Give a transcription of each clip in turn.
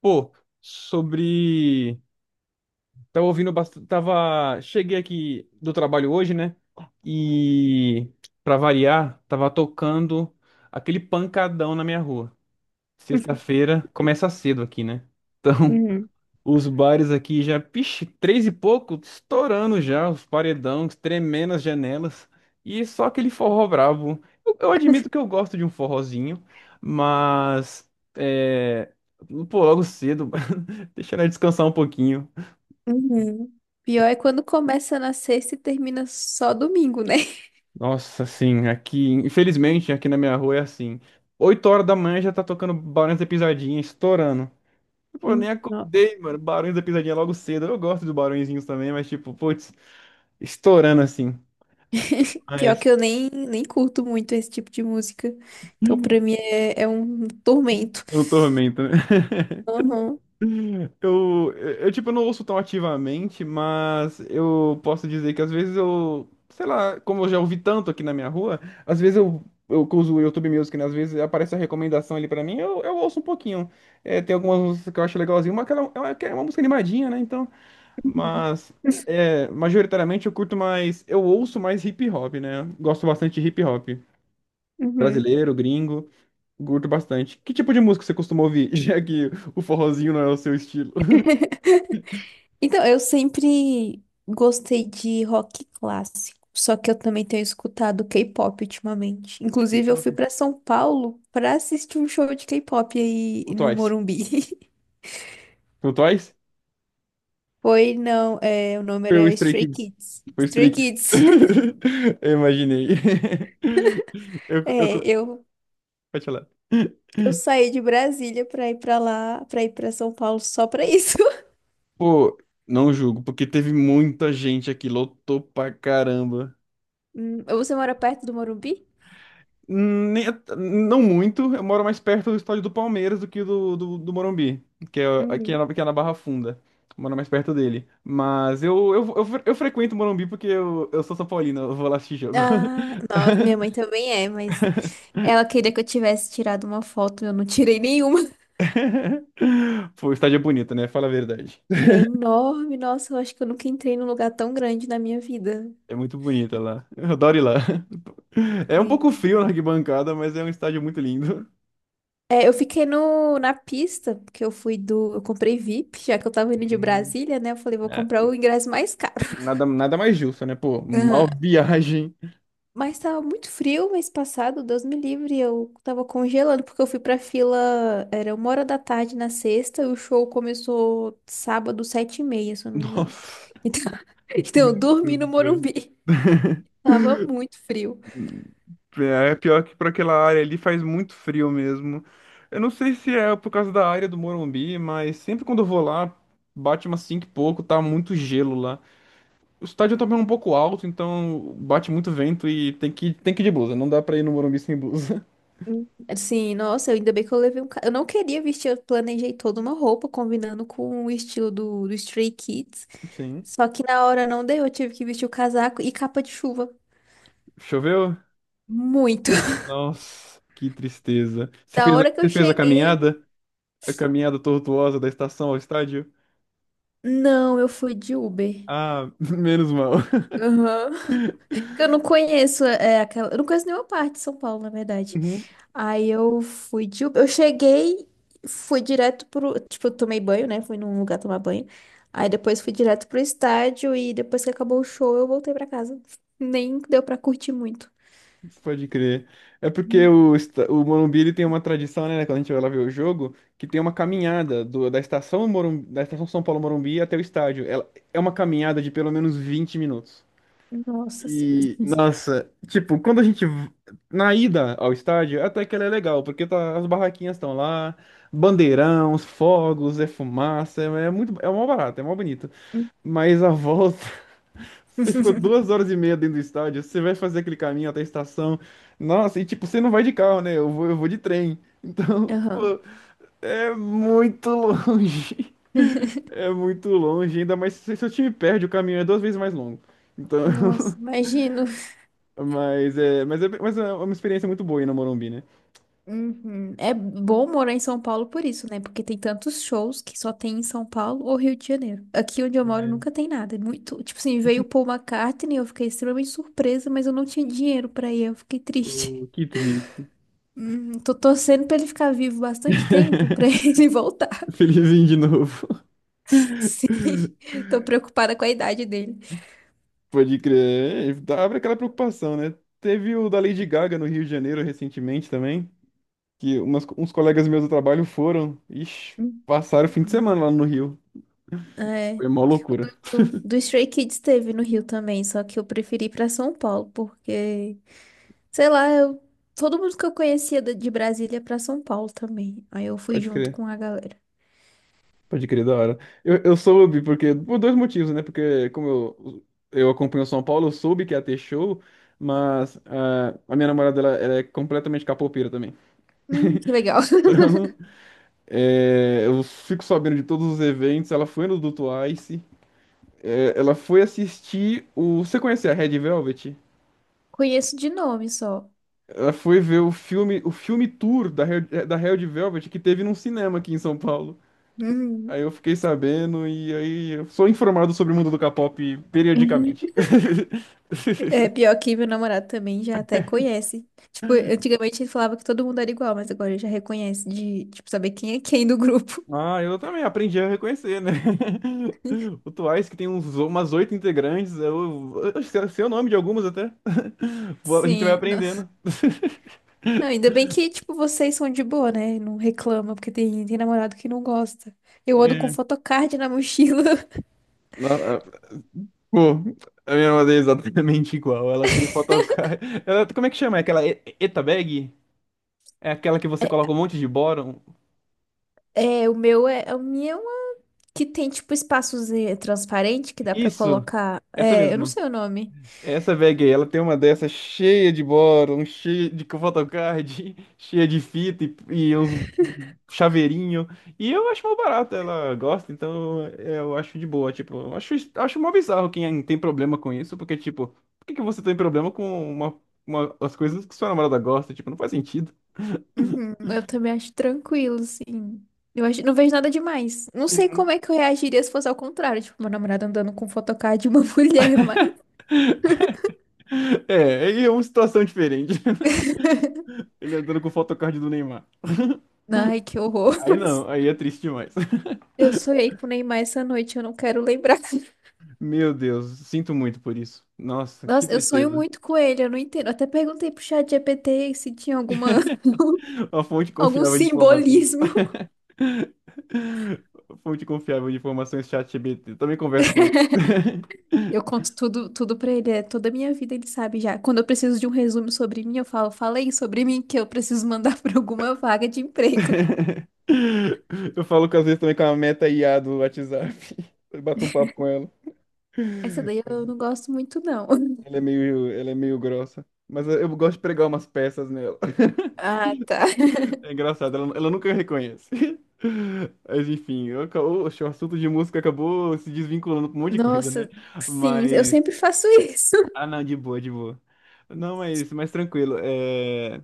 Pô, sobre. Tava ouvindo bastante. Tava. Cheguei aqui do trabalho hoje, né? E, pra variar, tava tocando aquele pancadão na minha rua. Sexta-feira, começa cedo aqui, né? Uhum. Os bares aqui já, pixe, três e pouco, estourando já, os paredões tremendo as janelas. E só aquele forró brabo. Eu admito que eu gosto de um forrozinho, mas. É. Pô, logo cedo, deixa ela descansar um pouquinho. Uhum. Pior é quando começa na sexta e termina só domingo, né? Nossa, assim, aqui, infelizmente, aqui na minha rua é assim. 8 horas da manhã já tá tocando Barões da Pisadinha, estourando. Pô, eu Uhum. nem Não. acordei, mano. Barões da Pisadinha logo cedo. Eu gosto dos Barõezinhos também, mas tipo, putz, estourando assim. Pior que eu nem curto muito esse tipo de música. Então, pra mim, é um tormento. O tormento, né? Uhum. Tipo, eu não ouço tão ativamente, mas eu posso dizer que às vezes eu, sei lá, como eu já ouvi tanto aqui na minha rua, às vezes eu que uso o YouTube Music, né? Às vezes aparece a recomendação ali pra mim, eu ouço um pouquinho. É, tem algumas músicas que eu acho legalzinho, mas aquela, é uma, que é uma música animadinha, né? Então, Uhum. mas, é, majoritariamente eu curto mais, eu ouço mais hip hop, né? Gosto bastante de hip hop. Uhum. Brasileiro, gringo. Curto bastante. Que tipo de música você costuma ouvir, já que o forrozinho não é o seu estilo? Então, eu sempre gostei de rock clássico. Só que eu também tenho escutado K-pop ultimamente. Inclusive, eu K-pop? fui pra São Paulo pra assistir um show de K-pop aí O no Twice. Morumbi. O Twice? Foi, não, é, o nome Foi o era Stray Stray Kids. Kids. Foi o Stray Stray Kids. Kids. Eu imaginei. Eu, É, eu, eu, pode falar. eu saí de Brasília pra ir pra lá, pra ir pra São Paulo só pra isso. Pô, não julgo, porque teve muita gente aqui, lotou pra caramba. Hum. Você mora perto do Morumbi? Nem- Não muito, eu moro mais perto do estádio do Palmeiras do que do Morumbi, que é, que é, Uhum. na, que é na Barra Funda. Eu moro mais perto dele. Mas eu frequento o Morumbi porque eu sou São Paulino, eu vou lá assistir jogo. Ah, nossa, minha mãe também é, mas ela queria que eu tivesse tirado uma foto, eu não tirei nenhuma. Pô, o estádio é bonito, né? Fala a verdade. É enorme, nossa, eu acho que eu nunca entrei num lugar tão grande na minha vida. É muito bonita lá. Eu adoro ir lá. É um Vi. pouco frio na arquibancada, mas é um estádio muito lindo. É, eu fiquei no, na pista, porque eu fui do. Eu comprei VIP, já que eu tava indo de Hum. Brasília, né? Eu falei, vou É, comprar o ingresso mais caro. nada, nada mais justo, né? Pô, mal viagem. Mas tava muito frio mês passado, Deus me livre, eu tava congelando porque eu fui pra fila, era uma hora da tarde na sexta, e o show começou sábado, sete e meia, se eu não me engano. Nossa. Então, então eu Meu dormi no Deus do Morumbi. Tava muito frio. céu. É pior que para aquela área ali faz muito frio mesmo. Eu não sei se é por causa da área do Morumbi, mas sempre quando eu vou lá, bate umas 5 e pouco, tá muito gelo lá. O estádio também é um pouco alto, então bate muito vento e tem que ir de blusa. Não dá pra ir no Morumbi sem blusa. Hum. Assim, nossa, ainda bem que eu levei um. Ca- eu não queria vestir, eu planejei toda uma roupa combinando com o, estilo do, do Stray Kids. Sim. Só que na hora não deu, eu tive que vestir o casaco e capa de chuva. Choveu? Muito. Nossa, que tristeza. Você Da fez a, hora que eu você fez a cheguei. caminhada? A caminhada tortuosa da estação ao estádio? Não, eu fui de Uber. Ah, menos mal. Aham. Porque eu não conheço é, aquela. Eu não conheço nenhuma parte de São Paulo, na verdade. Aí eu fui de Uber. Eu cheguei, fui direto pro. Tipo, eu tomei banho, né? Fui num lugar tomar banho. Aí depois fui direto pro estádio e depois que acabou o show, eu voltei pra casa. Nem deu pra curtir muito. Pode crer. É porque o Morumbi ele tem uma tradição, né? Quando a gente vai lá ver o jogo, que tem uma caminhada da estação Morumbi, da estação São Paulo Morumbi até o estádio. Ela, é uma caminhada de pelo menos 20 minutos. Nossa senhora. E, nossa, tipo, quando a gente. V- na ida ao estádio, até que ela é legal, porque tá, as barraquinhas estão lá, bandeirão, os fogos, é fumaça, é muito. É mó barato, é mó bonito. Mas a volta. Você ficou duas horas e meia dentro do estádio, você vai fazer aquele caminho até a estação. Nossa, e tipo, você não vai de carro, né? Eu vou de trem. Então, Aham. pô, é muito longe. É muito longe, ainda mais se seu time perde, o caminho é duas vezes mais longo. Então, Nossa, imagino. mas é uma experiência muito boa ir no Morumbi, né? Uhum. É bom morar em São Paulo por isso, né? Porque tem tantos shows que só tem em São Paulo ou Rio de Janeiro. Aqui onde eu moro É, nunca tem nada. É muito, tipo assim, veio o Paul McCartney, eu fiquei extremamente surpresa, mas eu não tinha dinheiro pra ir, eu fiquei triste. pô, que triste. Tô torcendo pra ele ficar vivo bastante tempo pra ele voltar. Felizinho de novo. Sim, tô preocupada com a idade dele. Pode crer. É, abre aquela preocupação, né? Teve o da Lady Gaga no Rio de Janeiro recentemente também, que uns colegas meus do trabalho foram. Ixi, Hum. passaram o fim de Não. semana lá no Rio. É, Foi uma loucura. o- do Stray Kids teve no Rio também, só que eu preferi ir pra São Paulo, porque sei lá, eu... todo mundo que eu conhecia da- de Brasília pra São Paulo também. Aí eu fui Pode junto crer. com a galera. Pode crer, da hora. Eu soube, porque, por dois motivos, né? Porque eu acompanho São Paulo, eu soube que ia ter show, mas ah, a minha namorada, ela é completamente capoeira também. Que legal. Então, é, eu fico sabendo de todos os eventos. Ela foi no do Twice. É, ela foi assistir o. Você conhece a Red Velvet? Conheço de nome só. Ela foi ver o filme tour da Red Velvet que teve num cinema aqui em São Paulo. Aí Hum. eu fiquei sabendo e aí eu sou informado sobre o mundo do K-pop periodicamente. É, pior que meu namorado também já até conhece. Tipo, antigamente ele falava que todo mundo era igual, mas agora ele já reconhece de, tipo, saber quem é quem do grupo. Ah, eu também aprendi a reconhecer, né? O Twice, umas 8 integrantes, eu sei o nome de algumas até. Vou- A gente vai Sim. Não, aprendendo. Não, ainda bem que, tipo, vocês são de boa, né? Não reclama, porque tem namorado que não gosta. Eu ando com É. photocard na mochila. Na- Pô, a minha mãe é exatamente igual. Ela tem photocard. Ela, como é que chama? É aquela Eta bag? É aquela que você coloca um monte de bóron? É, o meu que tem tipo espaços eh, transparente que dá pra Isso! colocar. Essa É, eu não mesmo. sei o nome. Essa bag aí, ela tem uma dessa cheia de bóron, cheia de photocard, cheia de fita e uns chaveirinho. E eu acho mó barato, ela gosta, então é, eu acho de boa. Tipo, eu acho mó bizarro quem tem problema com isso, porque, tipo, por que que você tem problema com as coisas que sua namorada gosta? Tipo, não faz sentido. Uhum, eu também acho tranquilo, assim. Eu acho, não vejo nada demais. Não sei Uhum. como é que eu reagiria se fosse ao contrário. Tipo, meu namorado andando com photocard de uma mulher, mas. É, aí é uma situação diferente, né? Ele andando com o photocard do Neymar. Ai, que horror. Aí não, aí é triste demais. Eu sonhei com o Neymar essa noite, eu não quero lembrar. Meu Deus, sinto muito por isso. Nossa, que Nossa, eu sonho tristeza. muito com ele, eu não entendo. Eu até perguntei pro chat GPT se tinha alguma, A fonte algum confiável de informações. simbolismo. Fonte confiável de informações, ChatGPT. Também converso com ele. Eu conto tudo, tudo pra ele, é toda a minha vida ele sabe já. Quando eu preciso de um resumo sobre mim, eu falo, falei sobre mim que eu preciso mandar pra alguma vaga de emprego. Eu falo que às vezes também com a Meta IA do WhatsApp. Eu bato um papo com ela. Essa daí eu não gosto muito, não. Ela é meio grossa. Mas eu gosto de pregar umas peças nela. Ah, tá. É engraçado, ela nunca reconhece. Mas enfim, oxe, o assunto de música acabou se desvinculando com um monte de coisa, né? Nossa, sim, eu Mas. sempre faço isso. Ah, não, de boa, de boa. Não, mas tranquilo. É...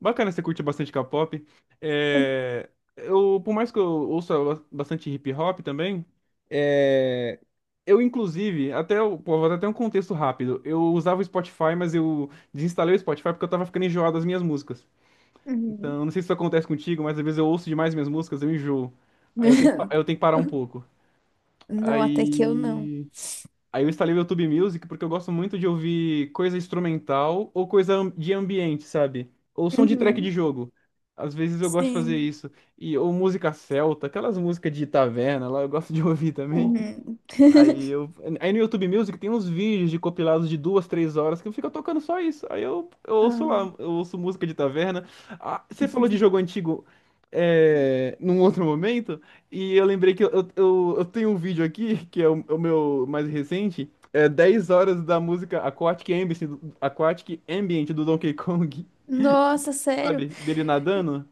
Bacana, você curte bastante K-pop. É... Eu, por mais que eu ouça bastante hip hop também. É, eu, inclusive, até, pô, vou dar até um contexto rápido. Eu usava o Spotify, mas eu desinstalei o Spotify porque eu tava ficando enjoado das minhas músicas. Uhum. Então, não sei se isso acontece contigo, mas às vezes eu ouço demais minhas músicas, eu enjoo. Aí eu tenho que parar um pouco. Não, até que eu não. Aí. Aí eu instalei o YouTube Music porque eu gosto muito de ouvir coisa instrumental ou de ambiente, sabe? Ou som de track de Uhum. jogo. Às vezes eu gosto de fazer Sim. isso. E, ou música celta, aquelas músicas de taverna lá, eu gosto de ouvir também. Uhum. Aí eu. Aí no YouTube Music tem uns vídeos de compilados de 2, 3 horas que eu fico tocando só isso. Aí eu ouço Ah. lá, eu ouço música de taverna. Ah, você falou de jogo antigo é, num outro momento, e eu lembrei que eu tenho um vídeo aqui, que é o meu mais recente, é 10 horas da música Aquatic Ambient, Aquatic Ambient do Donkey Kong, Nossa, sério, sabe? Dele nadando.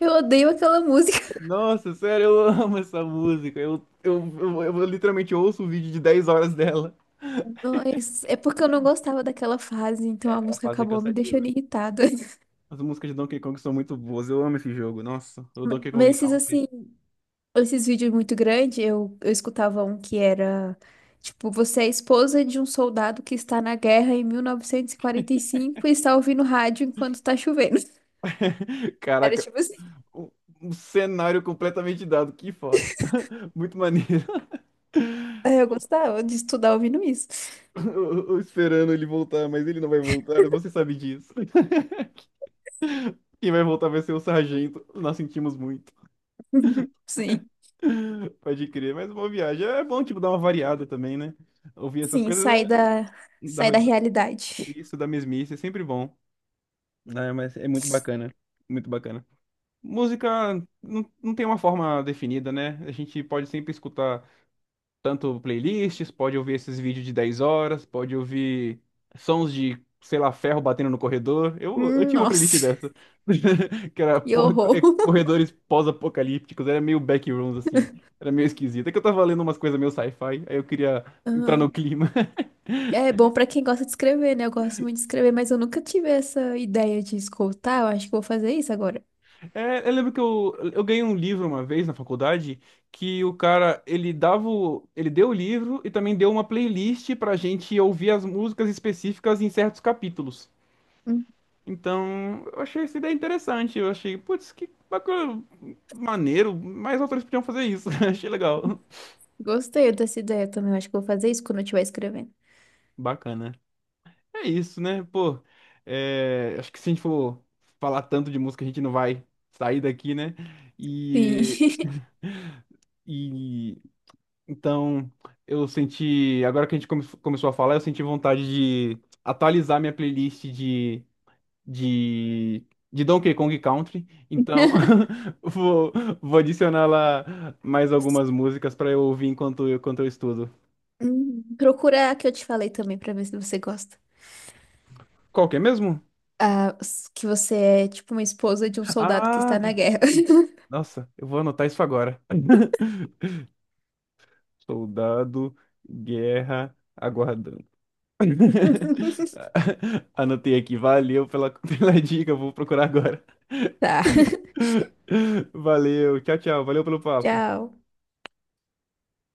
eu odeio aquela música. Nossa, sério, eu amo essa música. Eu literalmente ouço o vídeo de 10 horas dela. Mas é porque eu não gostava daquela fase, então É, a aquela música fase é acabou me cansativa. deixando irritada. As músicas de Donkey Kong são muito boas. Eu amo esse jogo. Nossa, o Donkey Mas Kong esses Country. assim, esses vídeos muito grandes, eu escutava um que era tipo, você é esposa de um soldado que está na guerra em 1945 e quarenta e cinco e está ouvindo rádio enquanto está chovendo. Era Caraca, tipo assim. um, um cenário completamente dado. Que foda. Muito maneiro. Aí eu gostava de estudar ouvindo isso. Eu esperando ele voltar, mas ele não vai voltar. Você sabe disso. Quem vai voltar vai ser o Sargento. Nós sentimos muito. Sim. Pode crer. Mas uma viagem é bom, tipo, dar uma variada também, né? Ouvir essas Sim, coisas é... sai da, da- sai da realidade. isso, da mesmice, é sempre bom. Né? Mas é muito bacana. Muito bacana. Música não tem uma forma definida, né? A gente pode sempre escutar tanto playlists, pode ouvir esses vídeos de 10 horas, pode ouvir sons de, sei lá, ferro batendo no corredor. Eu Hum. tinha uma playlist Nossa, dessa, que horror. é, corredores pós-apocalípticos, era meio backrooms, assim. Era meio esquisito. É que eu tava lendo umas coisas meio sci-fi, aí eu queria entrar no Aham. clima. É bom pra quem gosta de escrever, né? Eu gosto muito de escrever, mas eu nunca tive essa ideia de escutar. Eu acho que vou fazer isso agora. É, eu lembro que eu ganhei um livro uma vez na faculdade que ele ele deu o livro e também deu uma playlist pra gente ouvir as músicas específicas em certos capítulos. Então, eu achei essa ideia interessante. Eu achei, putz, que bacana, maneiro, mais autores podiam fazer isso. Achei legal. Gostei dessa ideia também. Eu acho que eu vou fazer isso quando eu estiver escrevendo. Bacana. É isso, né? Pô, é, acho que se a gente for falar tanto de música, a gente não vai sair daqui, né? Sim. E, e então, eu senti. Agora que começou a falar, eu senti vontade de atualizar minha playlist de, de Donkey Kong Country. Então, vou, vou adicionar lá mais algumas músicas para eu ouvir enquanto eu estudo. Procura a que eu te falei também pra ver se você gosta. Qual que é mesmo? Ah, s- que você é tipo uma esposa de um soldado que está Ah, na guerra. isso. Nossa, eu vou anotar isso agora. Soldado, guerra, aguardando. Anotei aqui, valeu pela, pela dica, vou procurar agora. Tá. Valeu, tchau, tchau, valeu pelo papo. Tchau.